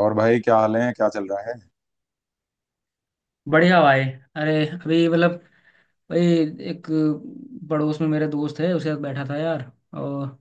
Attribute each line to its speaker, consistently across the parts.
Speaker 1: और भाई, क्या हाल है? क्या चल रहा है?
Speaker 2: बढ़िया भाई। अरे अभी मतलब भाई एक पड़ोस में मेरे दोस्त है उसके साथ बैठा था यार। और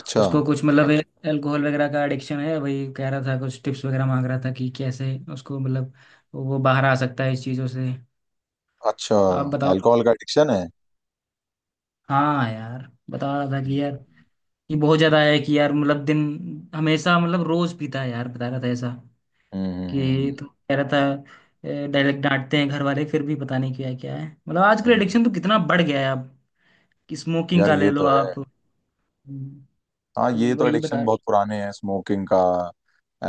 Speaker 1: अच्छा।
Speaker 2: उसको कुछ मतलब अच्छा अल्कोहल वगैरह का एडिक्शन है, वही कह रहा था, कुछ टिप्स वगैरह मांग रहा था कि कैसे उसको मतलब वो बाहर आ सकता है इस चीज़ों से।
Speaker 1: अच्छा,
Speaker 2: आप बताओ।
Speaker 1: अल्कोहल का एडिक्शन है?
Speaker 2: हाँ यार, बता रहा था
Speaker 1: हम्म।
Speaker 2: कि यार ये बहुत ज़्यादा है कि यार मतलब दिन हमेशा मतलब रोज़ पीता है यार, बता रहा था ऐसा।
Speaker 1: हम्म।
Speaker 2: कि तो कह रहा था डायरेक्ट डांटते हैं घर वाले फिर भी पता नहीं क्या क्या है। मतलब आजकल
Speaker 1: हम्म, हम्म।
Speaker 2: एडिक्शन तो कितना बढ़ गया है आप। कि स्मोकिंग
Speaker 1: यार,
Speaker 2: का ले
Speaker 1: ये
Speaker 2: लो
Speaker 1: तो है।
Speaker 2: आप। हम्म।
Speaker 1: हाँ,
Speaker 2: तो
Speaker 1: ये तो
Speaker 2: वही बता
Speaker 1: एडिक्शन
Speaker 2: रहा।
Speaker 1: बहुत पुराने हैं। स्मोकिंग का,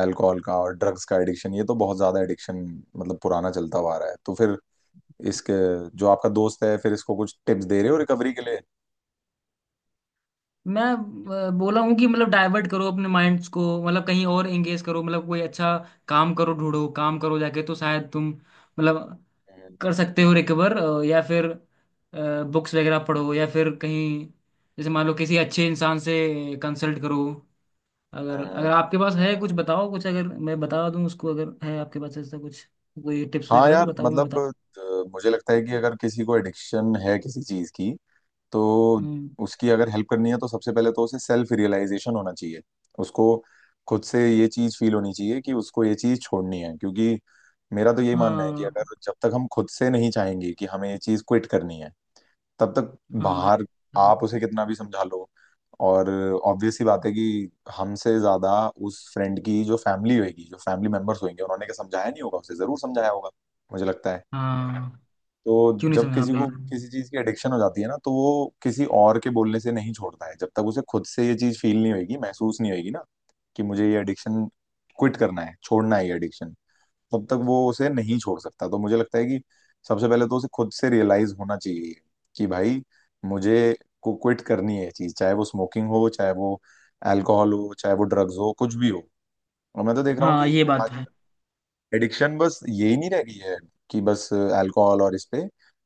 Speaker 1: अल्कोहल का और ड्रग्स का एडिक्शन, ये तो बहुत ज्यादा एडिक्शन मतलब पुराना चलता हुआ आ रहा है। तो फिर इसके, जो आपका दोस्त है, फिर इसको कुछ टिप्स दे रहे हो रिकवरी के लिए?
Speaker 2: मैं बोला हूँ कि मतलब डाइवर्ट करो अपने माइंड्स को, मतलब कहीं और एंगेज करो, मतलब कोई अच्छा काम करो, ढूंढो काम करो जाके, तो शायद तुम मतलब
Speaker 1: हम्म,
Speaker 2: कर सकते हो रिकवर। या फिर बुक्स वगैरह पढ़ो, या फिर कहीं जैसे मान लो किसी अच्छे इंसान से कंसल्ट करो। अगर
Speaker 1: हम्म।
Speaker 2: अगर आपके पास है कुछ बताओ, कुछ अगर मैं बता दूं उसको, अगर है आपके पास ऐसा कुछ कोई टिप्स
Speaker 1: हाँ
Speaker 2: वगैरह तो
Speaker 1: यार,
Speaker 2: बताओ, मैं
Speaker 1: मतलब
Speaker 2: बता।
Speaker 1: मुझे लगता है कि अगर किसी को एडिक्शन है किसी चीज की, तो
Speaker 2: हम्म।
Speaker 1: उसकी अगर हेल्प करनी है तो सबसे पहले तो उसे सेल्फ रियलाइजेशन होना चाहिए। उसको खुद से ये चीज फील होनी चाहिए कि उसको ये चीज छोड़नी है, क्योंकि मेरा तो यही मानना है कि
Speaker 2: हाँ
Speaker 1: अगर जब तक हम खुद से नहीं चाहेंगे कि हमें ये चीज क्विट करनी है, तब तक
Speaker 2: हाँ
Speaker 1: बाहर आप उसे कितना भी समझा लो। और ऑब्वियस सी बात है कि हमसे ज्यादा उस फ्रेंड की जो फैमिली होगी, जो फैमिली मेंबर्स होंगे, उन्होंने क्या समझाया नहीं होगा? उसे जरूर समझाया होगा, मुझे लगता है।
Speaker 2: हाँ,
Speaker 1: तो
Speaker 2: क्यों नहीं
Speaker 1: जब
Speaker 2: समझा, हाँ
Speaker 1: किसी को
Speaker 2: बिल्कुल।
Speaker 1: किसी चीज की एडिक्शन हो जाती है ना, तो वो किसी और के बोलने से नहीं छोड़ता है। जब तक उसे खुद से ये चीज फील नहीं होगी, महसूस नहीं होगी ना, कि मुझे ये एडिक्शन क्विट करना है, छोड़ना है ये एडिक्शन, तब तक वो उसे नहीं छोड़ सकता। तो मुझे लगता है कि सबसे पहले तो उसे खुद से रियलाइज होना चाहिए कि भाई, मुझे को क्विट करनी है ये चीज, चाहे वो स्मोकिंग हो, चाहे वो अल्कोहल हो, चाहे वो ड्रग्स हो, कुछ भी हो। और मैं तो देख रहा हूँ
Speaker 2: हाँ
Speaker 1: कि
Speaker 2: ये बात तो
Speaker 1: आज
Speaker 2: है।
Speaker 1: एडिक्शन बस यही नहीं रह गई है कि बस अल्कोहल, और इस पे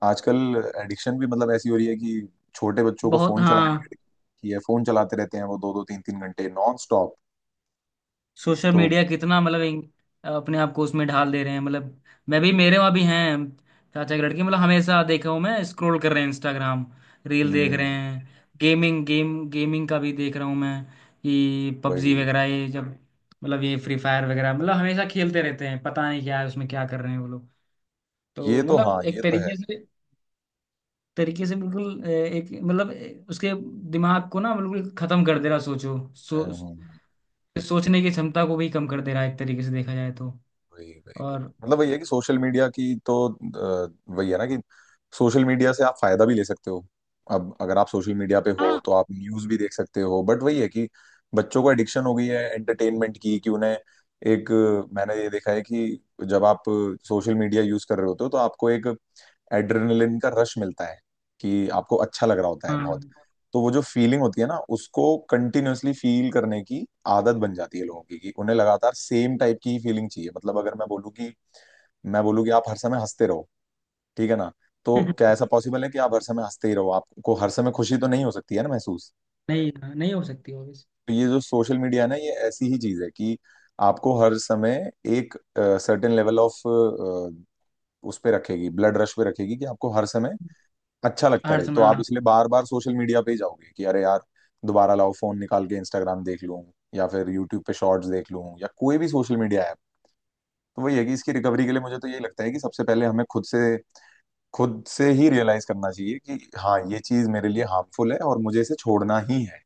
Speaker 1: आजकल एडिक्शन भी मतलब ऐसी हो रही है कि छोटे बच्चों को
Speaker 2: बहुत,
Speaker 1: फोन चलाने की
Speaker 2: हाँ।
Speaker 1: addiction की है। फोन चलाते रहते हैं वो दो दो तीन तीन घंटे नॉन स्टॉप।
Speaker 2: सोशल
Speaker 1: तो
Speaker 2: मीडिया कितना मतलब अपने आप को उसमें ढाल दे रहे हैं मतलब। मैं भी, मेरे वहाँ भी हैं चाचा के लड़के, मतलब हमेशा देखा हूँ मैं स्क्रॉल कर रहे हैं इंस्टाग्राम, रील देख रहे
Speaker 1: हम्म,
Speaker 2: हैं, गेमिंग, गेमिंग का भी देख रहा हूँ मैं कि पबजी
Speaker 1: वही।
Speaker 2: वगैरह ये, जब मतलब ये फ्री फायर वगैरह, मतलब हमेशा खेलते रहते हैं, पता नहीं क्या है उसमें, क्या कर रहे हैं वो लोग।
Speaker 1: ये
Speaker 2: तो
Speaker 1: तो
Speaker 2: मतलब
Speaker 1: हाँ, ये
Speaker 2: एक
Speaker 1: तो है।
Speaker 2: तरीके से बिल्कुल एक मतलब उसके दिमाग को ना बिल्कुल खत्म कर दे रहा। सोचो, सो
Speaker 1: हम्म हम्म, हम्म।
Speaker 2: सोचने की क्षमता को भी कम कर दे रहा है एक तरीके से देखा जाए तो।
Speaker 1: वही वही वही,
Speaker 2: और
Speaker 1: मतलब वही है कि सोशल मीडिया की तो वही है ना, कि सोशल मीडिया से आप फायदा भी ले सकते हो। अब अगर आप सोशल मीडिया पे हो
Speaker 2: हाँ
Speaker 1: तो आप न्यूज भी देख सकते हो, बट वही है कि बच्चों को एडिक्शन हो गई है एंटरटेनमेंट की, कि उन्हें एक मैंने ये देखा है कि जब आप सोशल मीडिया यूज कर रहे होते हो तो आपको एक एड्रेनलिन का रश मिलता है, कि आपको अच्छा लग रहा होता है बहुत।
Speaker 2: हाँ
Speaker 1: तो वो जो फीलिंग होती है ना, उसको कंटिन्यूअसली फील करने की आदत बन जाती है लोगों की, कि उन्हें लगातार सेम टाइप की ही फीलिंग चाहिए। मतलब अगर मैं बोलूँ कि आप हर समय हंसते रहो, ठीक है ना, तो क्या ऐसा पॉसिबल है कि आप हर समय हंसते ही रहो? आपको हर समय खुशी तो नहीं हो सकती है ना महसूस।
Speaker 2: नहीं, नहीं हो सकती ऑब्वियस।
Speaker 1: तो ये जो सोशल मीडिया है ना, ये ऐसी ही चीज है कि आपको हर समय एक सर्टेन लेवल ऑफ उस पे रखेगी, ब्लड रश पे रखेगी, कि आपको हर समय अच्छा लगता
Speaker 2: हर
Speaker 1: रहे।
Speaker 2: समय,
Speaker 1: तो आप
Speaker 2: हाँ।
Speaker 1: इसलिए बार बार सोशल मीडिया पे ही जाओगे कि अरे यार, दोबारा लाओ फोन निकाल के, इंस्टाग्राम देख लूं या फिर यूट्यूब पे शॉर्ट्स देख लूं, या कोई भी सोशल मीडिया ऐप। तो वही है कि इसकी रिकवरी के लिए मुझे तो ये लगता है कि सबसे पहले हमें खुद से, खुद से ही रियलाइज करना चाहिए कि हाँ, ये चीज मेरे लिए हार्मफुल है और मुझे इसे छोड़ना ही है।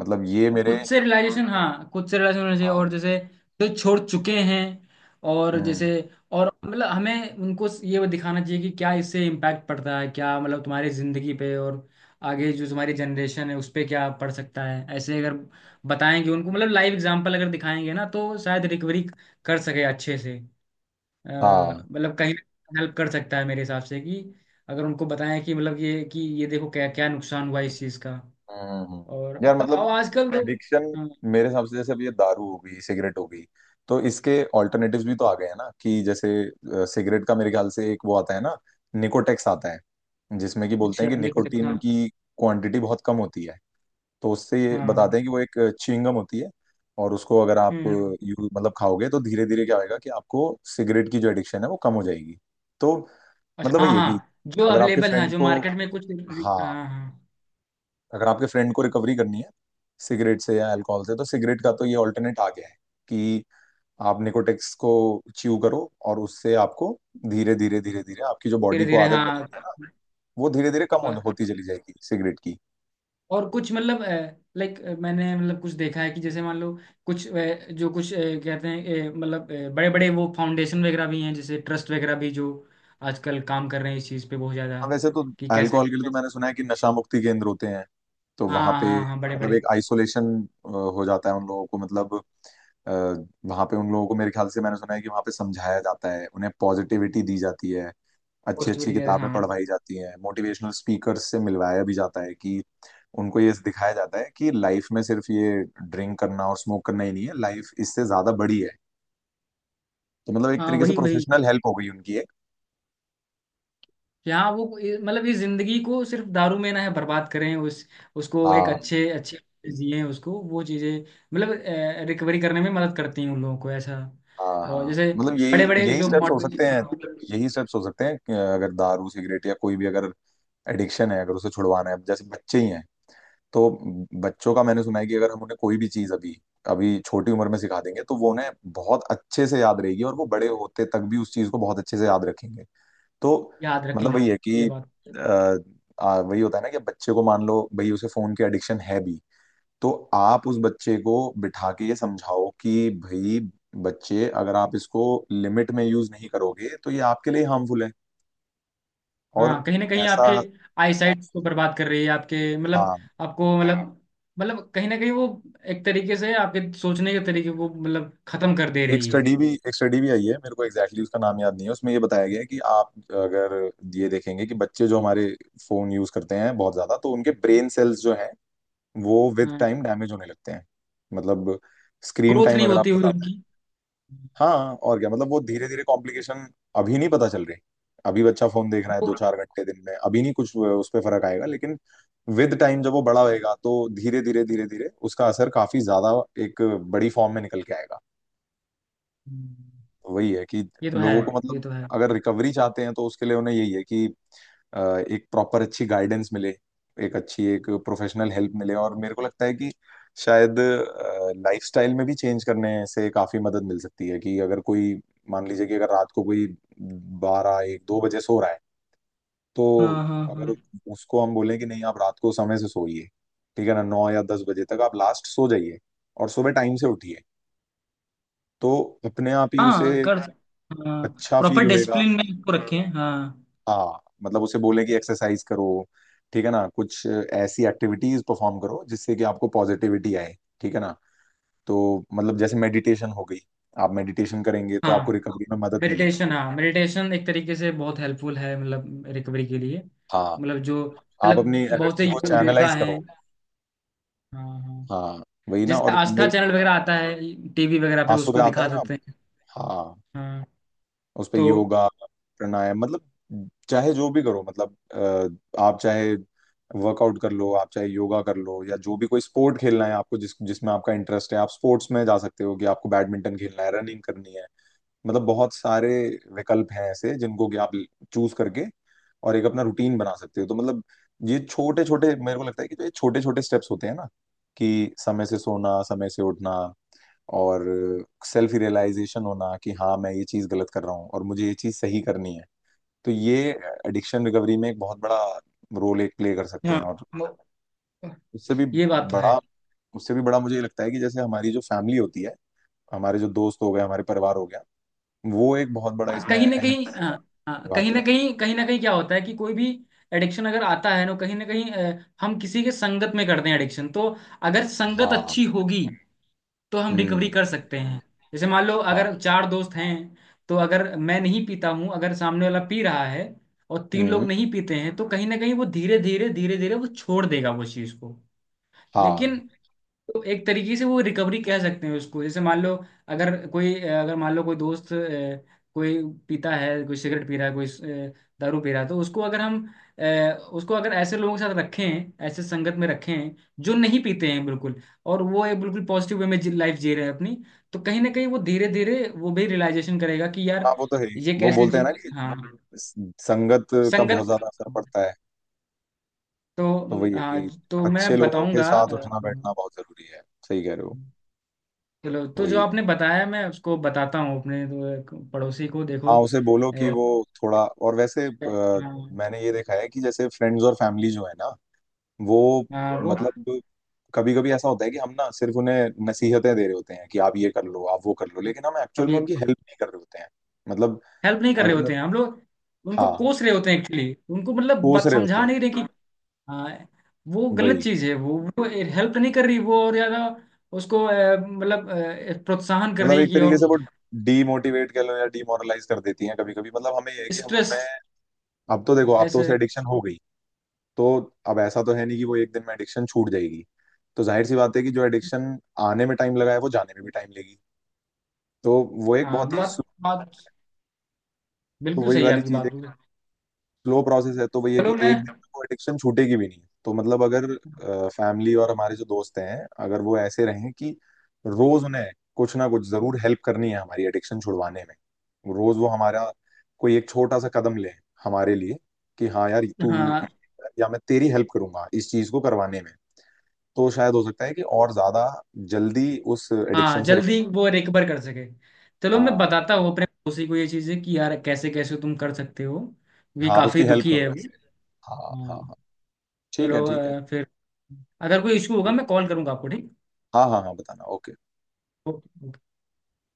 Speaker 1: मतलब ये मेरे
Speaker 2: खुद से रियलाइजेशन, हाँ खुद से रियलाइजेशन होना चाहिए।
Speaker 1: हाँ।
Speaker 2: और जैसे जो छोड़ चुके हैं और
Speaker 1: हम्म।
Speaker 2: जैसे, और मतलब हमें उनको ये दिखाना चाहिए कि क्या इससे इम्पैक्ट पड़ता है, क्या मतलब तुम्हारी ज़िंदगी पे, और आगे जो तुम्हारी जनरेशन है उस पे क्या पड़ सकता है। ऐसे अगर बताएंगे उनको, मतलब लाइव एग्जांपल अगर दिखाएंगे ना, तो शायद रिकवरी कर सके अच्छे से। अ,
Speaker 1: हाँ।
Speaker 2: मतलब कहीं हेल्प कर सकता है मेरे हिसाब से कि अगर उनको बताएं कि मतलब ये कि ये देखो क्या क्या नुकसान हुआ इस चीज़ का। और
Speaker 1: यार
Speaker 2: अब
Speaker 1: मतलब
Speaker 2: आजकल तो,
Speaker 1: एडिक्शन
Speaker 2: हाँ।
Speaker 1: मेरे हिसाब से, जैसे अब ये दारू हो गई, सिगरेट हो गई, तो इसके ऑल्टरनेटिव्स भी तो आ गए हैं ना, कि जैसे सिगरेट का मेरे ख्याल से एक वो आता है ना, निकोटेक्स आता है, जिसमें कि बोलते
Speaker 2: अच्छा,
Speaker 1: हैं कि
Speaker 2: देखो कितना।
Speaker 1: निकोटीन की क्वांटिटी बहुत कम होती है। तो उससे ये
Speaker 2: हाँ।
Speaker 1: बताते हैं कि वो एक च्युइंगम होती है, और उसको अगर आप
Speaker 2: हम्म।
Speaker 1: यू मतलब खाओगे, तो धीरे धीरे क्या होएगा कि आपको सिगरेट की जो एडिक्शन है वो कम हो जाएगी। तो
Speaker 2: अच्छा
Speaker 1: मतलब
Speaker 2: हाँ
Speaker 1: वही है कि
Speaker 2: हाँ, जो
Speaker 1: अगर आपके
Speaker 2: अवेलेबल है
Speaker 1: फ्रेंड
Speaker 2: जो
Speaker 1: को,
Speaker 2: मार्केट में कुछ।
Speaker 1: हाँ,
Speaker 2: हाँ हाँ।
Speaker 1: अगर आपके फ्रेंड को रिकवरी करनी है सिगरेट से या अल्कोहल से, तो सिगरेट का तो ये ऑल्टरनेट आ गया है कि आप निकोटेक्स को च्यू करो, और उससे आपको धीरे धीरे धीरे धीरे आपकी जो
Speaker 2: धीरे
Speaker 1: बॉडी को
Speaker 2: धीरे,
Speaker 1: आदत बनी है
Speaker 2: हाँ।
Speaker 1: ना, वो धीरे धीरे कम होती
Speaker 2: ब-
Speaker 1: चली जाएगी सिगरेट की।
Speaker 2: और कुछ मतलब लाइक मैंने मतलब कुछ देखा है कि जैसे मान लो कुछ जो कुछ कहते हैं मतलब बड़े बड़े वो फाउंडेशन वगैरह भी हैं, जैसे ट्रस्ट वगैरह भी, जो आजकल काम कर रहे हैं इस चीज़ पे बहुत ज़्यादा,
Speaker 1: हाँ वैसे तो
Speaker 2: कि कैसे।
Speaker 1: अल्कोहल के लिए तो मैंने सुना है कि नशा मुक्ति केंद्र होते हैं। तो
Speaker 2: हाँ
Speaker 1: वहां पे
Speaker 2: हाँ हाँ, बड़े
Speaker 1: मतलब
Speaker 2: बड़े।
Speaker 1: एक आइसोलेशन हो जाता है उन लोगों को। मतलब अ, वहां पे उन लोगों को, मेरे ख्याल से मैंने सुना है कि वहां पे समझाया जाता है उन्हें, पॉजिटिविटी दी जाती है, अच्छी अच्छी
Speaker 2: पॉजिटिविटी,
Speaker 1: किताबें
Speaker 2: हाँ।
Speaker 1: पढ़वाई जाती हैं, मोटिवेशनल स्पीकर्स से मिलवाया भी जाता है, कि उनको ये दिखाया जाता है कि लाइफ में सिर्फ ये ड्रिंक करना और स्मोक करना ही नहीं है, लाइफ इससे ज्यादा बड़ी है। तो मतलब एक
Speaker 2: हाँ
Speaker 1: तरीके से
Speaker 2: वही वही।
Speaker 1: प्रोफेशनल हेल्प हो गई उनकी एक।
Speaker 2: यहाँ वो मतलब इस जिंदगी को सिर्फ दारू में ना है बर्बाद करें, उस उसको एक
Speaker 1: हाँ
Speaker 2: अच्छे अच्छे जिए, उसको वो चीजें मतलब रिकवरी करने में मदद करती हैं उन लोगों को ऐसा।
Speaker 1: हाँ
Speaker 2: और
Speaker 1: हाँ,
Speaker 2: जैसे
Speaker 1: मतलब
Speaker 2: बड़े
Speaker 1: यही
Speaker 2: बड़े
Speaker 1: यही
Speaker 2: जो
Speaker 1: स्टेप्स हो
Speaker 2: मॉडल,
Speaker 1: सकते हैं।
Speaker 2: हाँ।
Speaker 1: यही स्टेप्स हो सकते हैं कि अगर दारू, सिगरेट या कोई भी अगर एडिक्शन है, अगर उसे छुड़वाना है, अब जैसे बच्चे ही हैं, तो बच्चों का मैंने सुना है कि अगर हम उन्हें कोई भी चीज अभी, अभी छोटी उम्र में सिखा देंगे, तो वो उन्हें बहुत अच्छे से याद रहेगी, और वो बड़े होते तक भी उस चीज को बहुत अच्छे से याद रखेंगे। तो
Speaker 2: याद
Speaker 1: मतलब
Speaker 2: रखेंगे,
Speaker 1: वही है
Speaker 2: ये
Speaker 1: कि
Speaker 2: बात।
Speaker 1: अ, वही होता है ना, कि बच्चे को, मान लो भाई, उसे फोन की एडिक्शन है भी, तो आप उस बच्चे को बिठा के ये समझाओ कि भाई बच्चे, अगर आप इसको लिमिट में यूज नहीं करोगे तो ये आपके लिए हार्मफुल है, और
Speaker 2: हाँ, कहीं ना कहीं
Speaker 1: ऐसा।
Speaker 2: आपके आईसाइट को बर्बाद कर रही है, आपके मतलब
Speaker 1: हाँ
Speaker 2: आपको मतलब, मतलब कहीं ना कहीं वो एक तरीके से आपके सोचने के तरीके को मतलब खत्म कर दे
Speaker 1: एक
Speaker 2: रही है।
Speaker 1: स्टडी भी, एक स्टडी भी आई है, मेरे को एग्जैक्टली exactly उसका नाम याद नहीं है, उसमें ये बताया गया है कि आप अगर ये देखेंगे कि बच्चे जो हमारे फोन यूज करते हैं बहुत ज्यादा, तो उनके ब्रेन सेल्स जो हैं वो विद टाइम डैमेज होने लगते हैं। मतलब स्क्रीन
Speaker 2: ग्रोथ
Speaker 1: टाइम
Speaker 2: नहीं
Speaker 1: अगर
Speaker 2: होती
Speaker 1: आपके
Speaker 2: हुई
Speaker 1: साथ है,
Speaker 2: उनकी।
Speaker 1: हाँ और क्या मतलब वो धीरे धीरे कॉम्प्लिकेशन अभी नहीं पता चल रही। अभी बच्चा फोन देख रहा है दो चार घंटे दिन में, अभी नहीं कुछ उस पर फर्क आएगा, लेकिन विद टाइम जब वो बड़ा होएगा, तो धीरे धीरे धीरे धीरे उसका असर काफी ज्यादा एक बड़ी फॉर्म में निकल के आएगा।
Speaker 2: वो-
Speaker 1: वही है कि
Speaker 2: ये तो है,
Speaker 1: लोगों को
Speaker 2: और ये
Speaker 1: मतलब
Speaker 2: तो है।
Speaker 1: अगर रिकवरी चाहते हैं, तो उसके लिए उन्हें यही है कि अ, एक प्रॉपर अच्छी गाइडेंस मिले, एक अच्छी एक प्रोफेशनल हेल्प मिले, और मेरे को लगता है कि शायद लाइफस्टाइल में भी चेंज करने से काफी मदद मिल सकती है। कि अगर कोई, मान लीजिए कि अगर रात को कोई बारह एक दो बजे सो रहा है, तो
Speaker 2: हाँ हाँ हाँ।
Speaker 1: अगर उसको हम बोलें कि नहीं, आप रात को समय से सोइए, ठीक है ना, नौ या दस बजे तक आप लास्ट सो जाइए और सुबह टाइम से उठिए, तो अपने आप ही उसे
Speaker 2: हाँ,
Speaker 1: अच्छा
Speaker 2: प्रॉपर
Speaker 1: फील होएगा।
Speaker 2: डिसिप्लिन में इसको रखें, हाँ।
Speaker 1: हाँ, मतलब उसे बोले कि एक्सरसाइज करो, ठीक है ना, कुछ ऐसी एक्टिविटीज परफॉर्म करो जिससे कि आपको पॉजिटिविटी आए, ठीक है ना। तो मतलब जैसे मेडिटेशन हो गई, आप मेडिटेशन करेंगे तो
Speaker 2: हाँ।
Speaker 1: आपको रिकवरी में मदद मिलेगी।
Speaker 2: मेडिटेशन, हाँ मेडिटेशन एक तरीके से बहुत हेल्पफुल है मतलब रिकवरी के लिए।
Speaker 1: हाँ,
Speaker 2: मतलब जो
Speaker 1: आप
Speaker 2: मतलब
Speaker 1: अपनी
Speaker 2: बहुत से
Speaker 1: एनर्जी को
Speaker 2: योगा
Speaker 1: चैनलाइज
Speaker 2: हैं।
Speaker 1: करो।
Speaker 2: हाँ हाँ।
Speaker 1: हाँ, वही ना।
Speaker 2: जैसे
Speaker 1: और
Speaker 2: आस्था
Speaker 1: मेरे,
Speaker 2: चैनल वगैरह आता है टीवी वगैरह पे,
Speaker 1: हाँ सुबह
Speaker 2: उसको
Speaker 1: आता है
Speaker 2: दिखा
Speaker 1: ना।
Speaker 2: सकते हैं।
Speaker 1: हाँ,
Speaker 2: हाँ।
Speaker 1: उस पे
Speaker 2: तो,
Speaker 1: योगा, प्राणायाम, मतलब चाहे जो भी करो, मतलब आप चाहे वर्कआउट कर लो, आप चाहे योगा कर लो, या जो भी कोई स्पोर्ट खेलना है आपको, जिस जिसमें आपका इंटरेस्ट है, आप स्पोर्ट्स में जा सकते हो कि आपको बैडमिंटन खेलना है, रनिंग करनी है। मतलब बहुत सारे विकल्प हैं ऐसे जिनको कि आप चूज करके और एक अपना रूटीन बना सकते हो। तो मतलब ये छोटे छोटे, मेरे को लगता है कि जो ये छोटे छोटे स्टेप्स होते हैं ना, कि समय से सोना, समय से उठना, और सेल्फ रियलाइजेशन होना कि हाँ, मैं ये चीज़ गलत कर रहा हूँ और मुझे ये चीज़ सही करनी है, तो ये एडिक्शन रिकवरी में एक बहुत बड़ा रोल एक प्ले कर सकते
Speaker 2: हाँ।
Speaker 1: हैं। और
Speaker 2: वो-
Speaker 1: उससे भी
Speaker 2: ये बात तो है।
Speaker 1: बड़ा, उससे भी बड़ा मुझे ये लगता है कि जैसे हमारी जो फैमिली होती है, हमारे जो दोस्त हो गए, हमारे परिवार हो गया, वो एक बहुत बड़ा
Speaker 2: हाँ
Speaker 1: इसमें
Speaker 2: कहीं ना
Speaker 1: अहम
Speaker 2: कहीं, हाँ।
Speaker 1: हिस्सा
Speaker 2: हाँ कहीं
Speaker 1: निभाते
Speaker 2: ना
Speaker 1: हैं।
Speaker 2: कहीं कहीं ना कहीं क्या होता है कि कोई भी एडिक्शन अगर आता है ना, कहीं ना कहीं हम किसी के संगत में करते हैं एडिक्शन। तो अगर संगत अच्छी
Speaker 1: हाँ।
Speaker 2: होगी तो हम रिकवरी
Speaker 1: हम्म।
Speaker 2: कर सकते हैं। जैसे मान लो
Speaker 1: हाँ।
Speaker 2: अगर चार दोस्त हैं, तो अगर मैं नहीं पीता हूँ, अगर सामने वाला पी रहा है और तीन लोग
Speaker 1: हम्म।
Speaker 2: नहीं पीते हैं, तो कहीं ना कहीं वो धीरे धीरे धीरे धीरे वो छोड़ देगा वो चीज़ को।
Speaker 1: हाँ
Speaker 2: लेकिन तो एक तरीके से वो रिकवरी कह सकते हैं उसको। जैसे मान लो अगर मान लो कोई दोस्त कोई पीता है, कोई सिगरेट पी रहा है, कोई दारू पी रहा है, तो उसको अगर हम अ, उसको अगर ऐसे लोगों के साथ रखें, ऐसे संगत में रखें जो नहीं पीते हैं बिल्कुल, और वो एक बिल्कुल पॉजिटिव वे में लाइफ जी रहे हैं अपनी, तो कहीं ना कहीं वो धीरे धीरे वो भी रियलाइजेशन करेगा कि
Speaker 1: हाँ,
Speaker 2: यार
Speaker 1: वो तो है ही।
Speaker 2: ये
Speaker 1: वो
Speaker 2: कैसे
Speaker 1: बोलते हैं
Speaker 2: जी।
Speaker 1: ना कि
Speaker 2: हाँ,
Speaker 1: संगत का बहुत
Speaker 2: संगत।
Speaker 1: ज्यादा असर पड़ता है।
Speaker 2: तो
Speaker 1: तो वही है
Speaker 2: हाँ
Speaker 1: कि
Speaker 2: तो मैं
Speaker 1: अच्छे लोगों के
Speaker 2: बताऊंगा।
Speaker 1: साथ उठना बैठना बहुत जरूरी है। सही कह रहे
Speaker 2: अ,
Speaker 1: हो।
Speaker 2: चलो, तो जो
Speaker 1: वही है।
Speaker 2: आपने बताया मैं उसको बताता हूँ अपने तो एक पड़ोसी को, देखो।
Speaker 1: हाँ, उसे बोलो कि
Speaker 2: अ,
Speaker 1: वो थोड़ा और वैसे
Speaker 2: हाँ।
Speaker 1: मैंने ये देखा है कि जैसे फ्रेंड्स और फैमिली जो है ना, वो
Speaker 2: हाँ, वो,
Speaker 1: मतलब कभी कभी ऐसा होता है कि हम ना सिर्फ उन्हें नसीहतें दे रहे होते हैं कि आप ये कर लो, आप वो कर लो, लेकिन हम
Speaker 2: अब
Speaker 1: एक्चुअल में
Speaker 2: ये
Speaker 1: उनकी हेल्प नहीं कर रहे होते हैं। मतलब
Speaker 2: हेल्प नहीं कर रहे
Speaker 1: अगर मैं,
Speaker 2: होते हैं हम लोग, उनको
Speaker 1: हाँ
Speaker 2: कोस रहे होते हैं एक्चुअली, उनको मतलब
Speaker 1: कोस
Speaker 2: बात
Speaker 1: रहे होते
Speaker 2: समझा
Speaker 1: हैं।
Speaker 2: नहीं रहे कि। हाँ, वो गलत
Speaker 1: वही,
Speaker 2: चीज़ है। वो हेल्प नहीं कर रही वो, और ज़्यादा उसको मतलब प्रोत्साहन कर
Speaker 1: मतलब
Speaker 2: रही
Speaker 1: एक
Speaker 2: कि,
Speaker 1: तरीके
Speaker 2: और
Speaker 1: से वो डीमोटिवेट कर लो या डीमोरलाइज कर देती हैं कभी कभी, मतलब हमें ये है कि हम
Speaker 2: स्ट्रेस
Speaker 1: उन्हें, अब तो देखो अब तो उसे
Speaker 2: ऐसे।
Speaker 1: एडिक्शन हो गई है, तो अब ऐसा तो है नहीं कि वो एक दिन में एडिक्शन छूट जाएगी। तो जाहिर सी बात है कि जो एडिक्शन आने में टाइम लगा है, वो जाने में भी टाइम लेगी। तो वो एक
Speaker 2: हाँ,
Speaker 1: बहुत ही
Speaker 2: बात
Speaker 1: slow-,
Speaker 2: बात
Speaker 1: तो
Speaker 2: बिल्कुल
Speaker 1: वही
Speaker 2: सही है
Speaker 1: वाली
Speaker 2: आपकी
Speaker 1: चीज है,
Speaker 2: बात।
Speaker 1: स्लो प्रोसेस है। तो वही है कि
Speaker 2: चलो
Speaker 1: एक
Speaker 2: मैं
Speaker 1: दिन में वो एडिक्शन छूटेगी भी नहीं। तो मतलब अगर फैमिली और हमारे जो दोस्त हैं, अगर वो ऐसे रहें कि रोज उन्हें कुछ ना कुछ जरूर हेल्प करनी है हमारी एडिक्शन छुड़वाने में, रोज वो हमारा कोई एक छोटा सा कदम ले हमारे लिए, कि हाँ यार, तू
Speaker 2: हाँ
Speaker 1: या मैं तेरी हेल्प करूंगा इस चीज को करवाने में, तो शायद हो सकता है कि और ज्यादा जल्दी उस
Speaker 2: हाँ,
Speaker 1: एडिक्शन से रिकवर।
Speaker 2: जल्दी वो रिकवर कर सके। चलो, मैं
Speaker 1: हाँ
Speaker 2: बताता हूँ अपने पड़ोसी को ये चीज़ें, कि यार कैसे कैसे तुम कर सकते हो। ये
Speaker 1: हाँ, आप उसकी
Speaker 2: काफ़ी
Speaker 1: हेल्प
Speaker 2: दुखी है
Speaker 1: करो
Speaker 2: वो।
Speaker 1: ऐसे। हाँ हाँ
Speaker 2: हाँ।
Speaker 1: हाँ। ठीक है,
Speaker 2: चलो
Speaker 1: ठीक है।
Speaker 2: फिर अगर कोई इशू होगा मैं कॉल करूँगा आपको, ठीक।
Speaker 1: हाँ हाँ हाँ, बताना। ओके।
Speaker 2: ओके।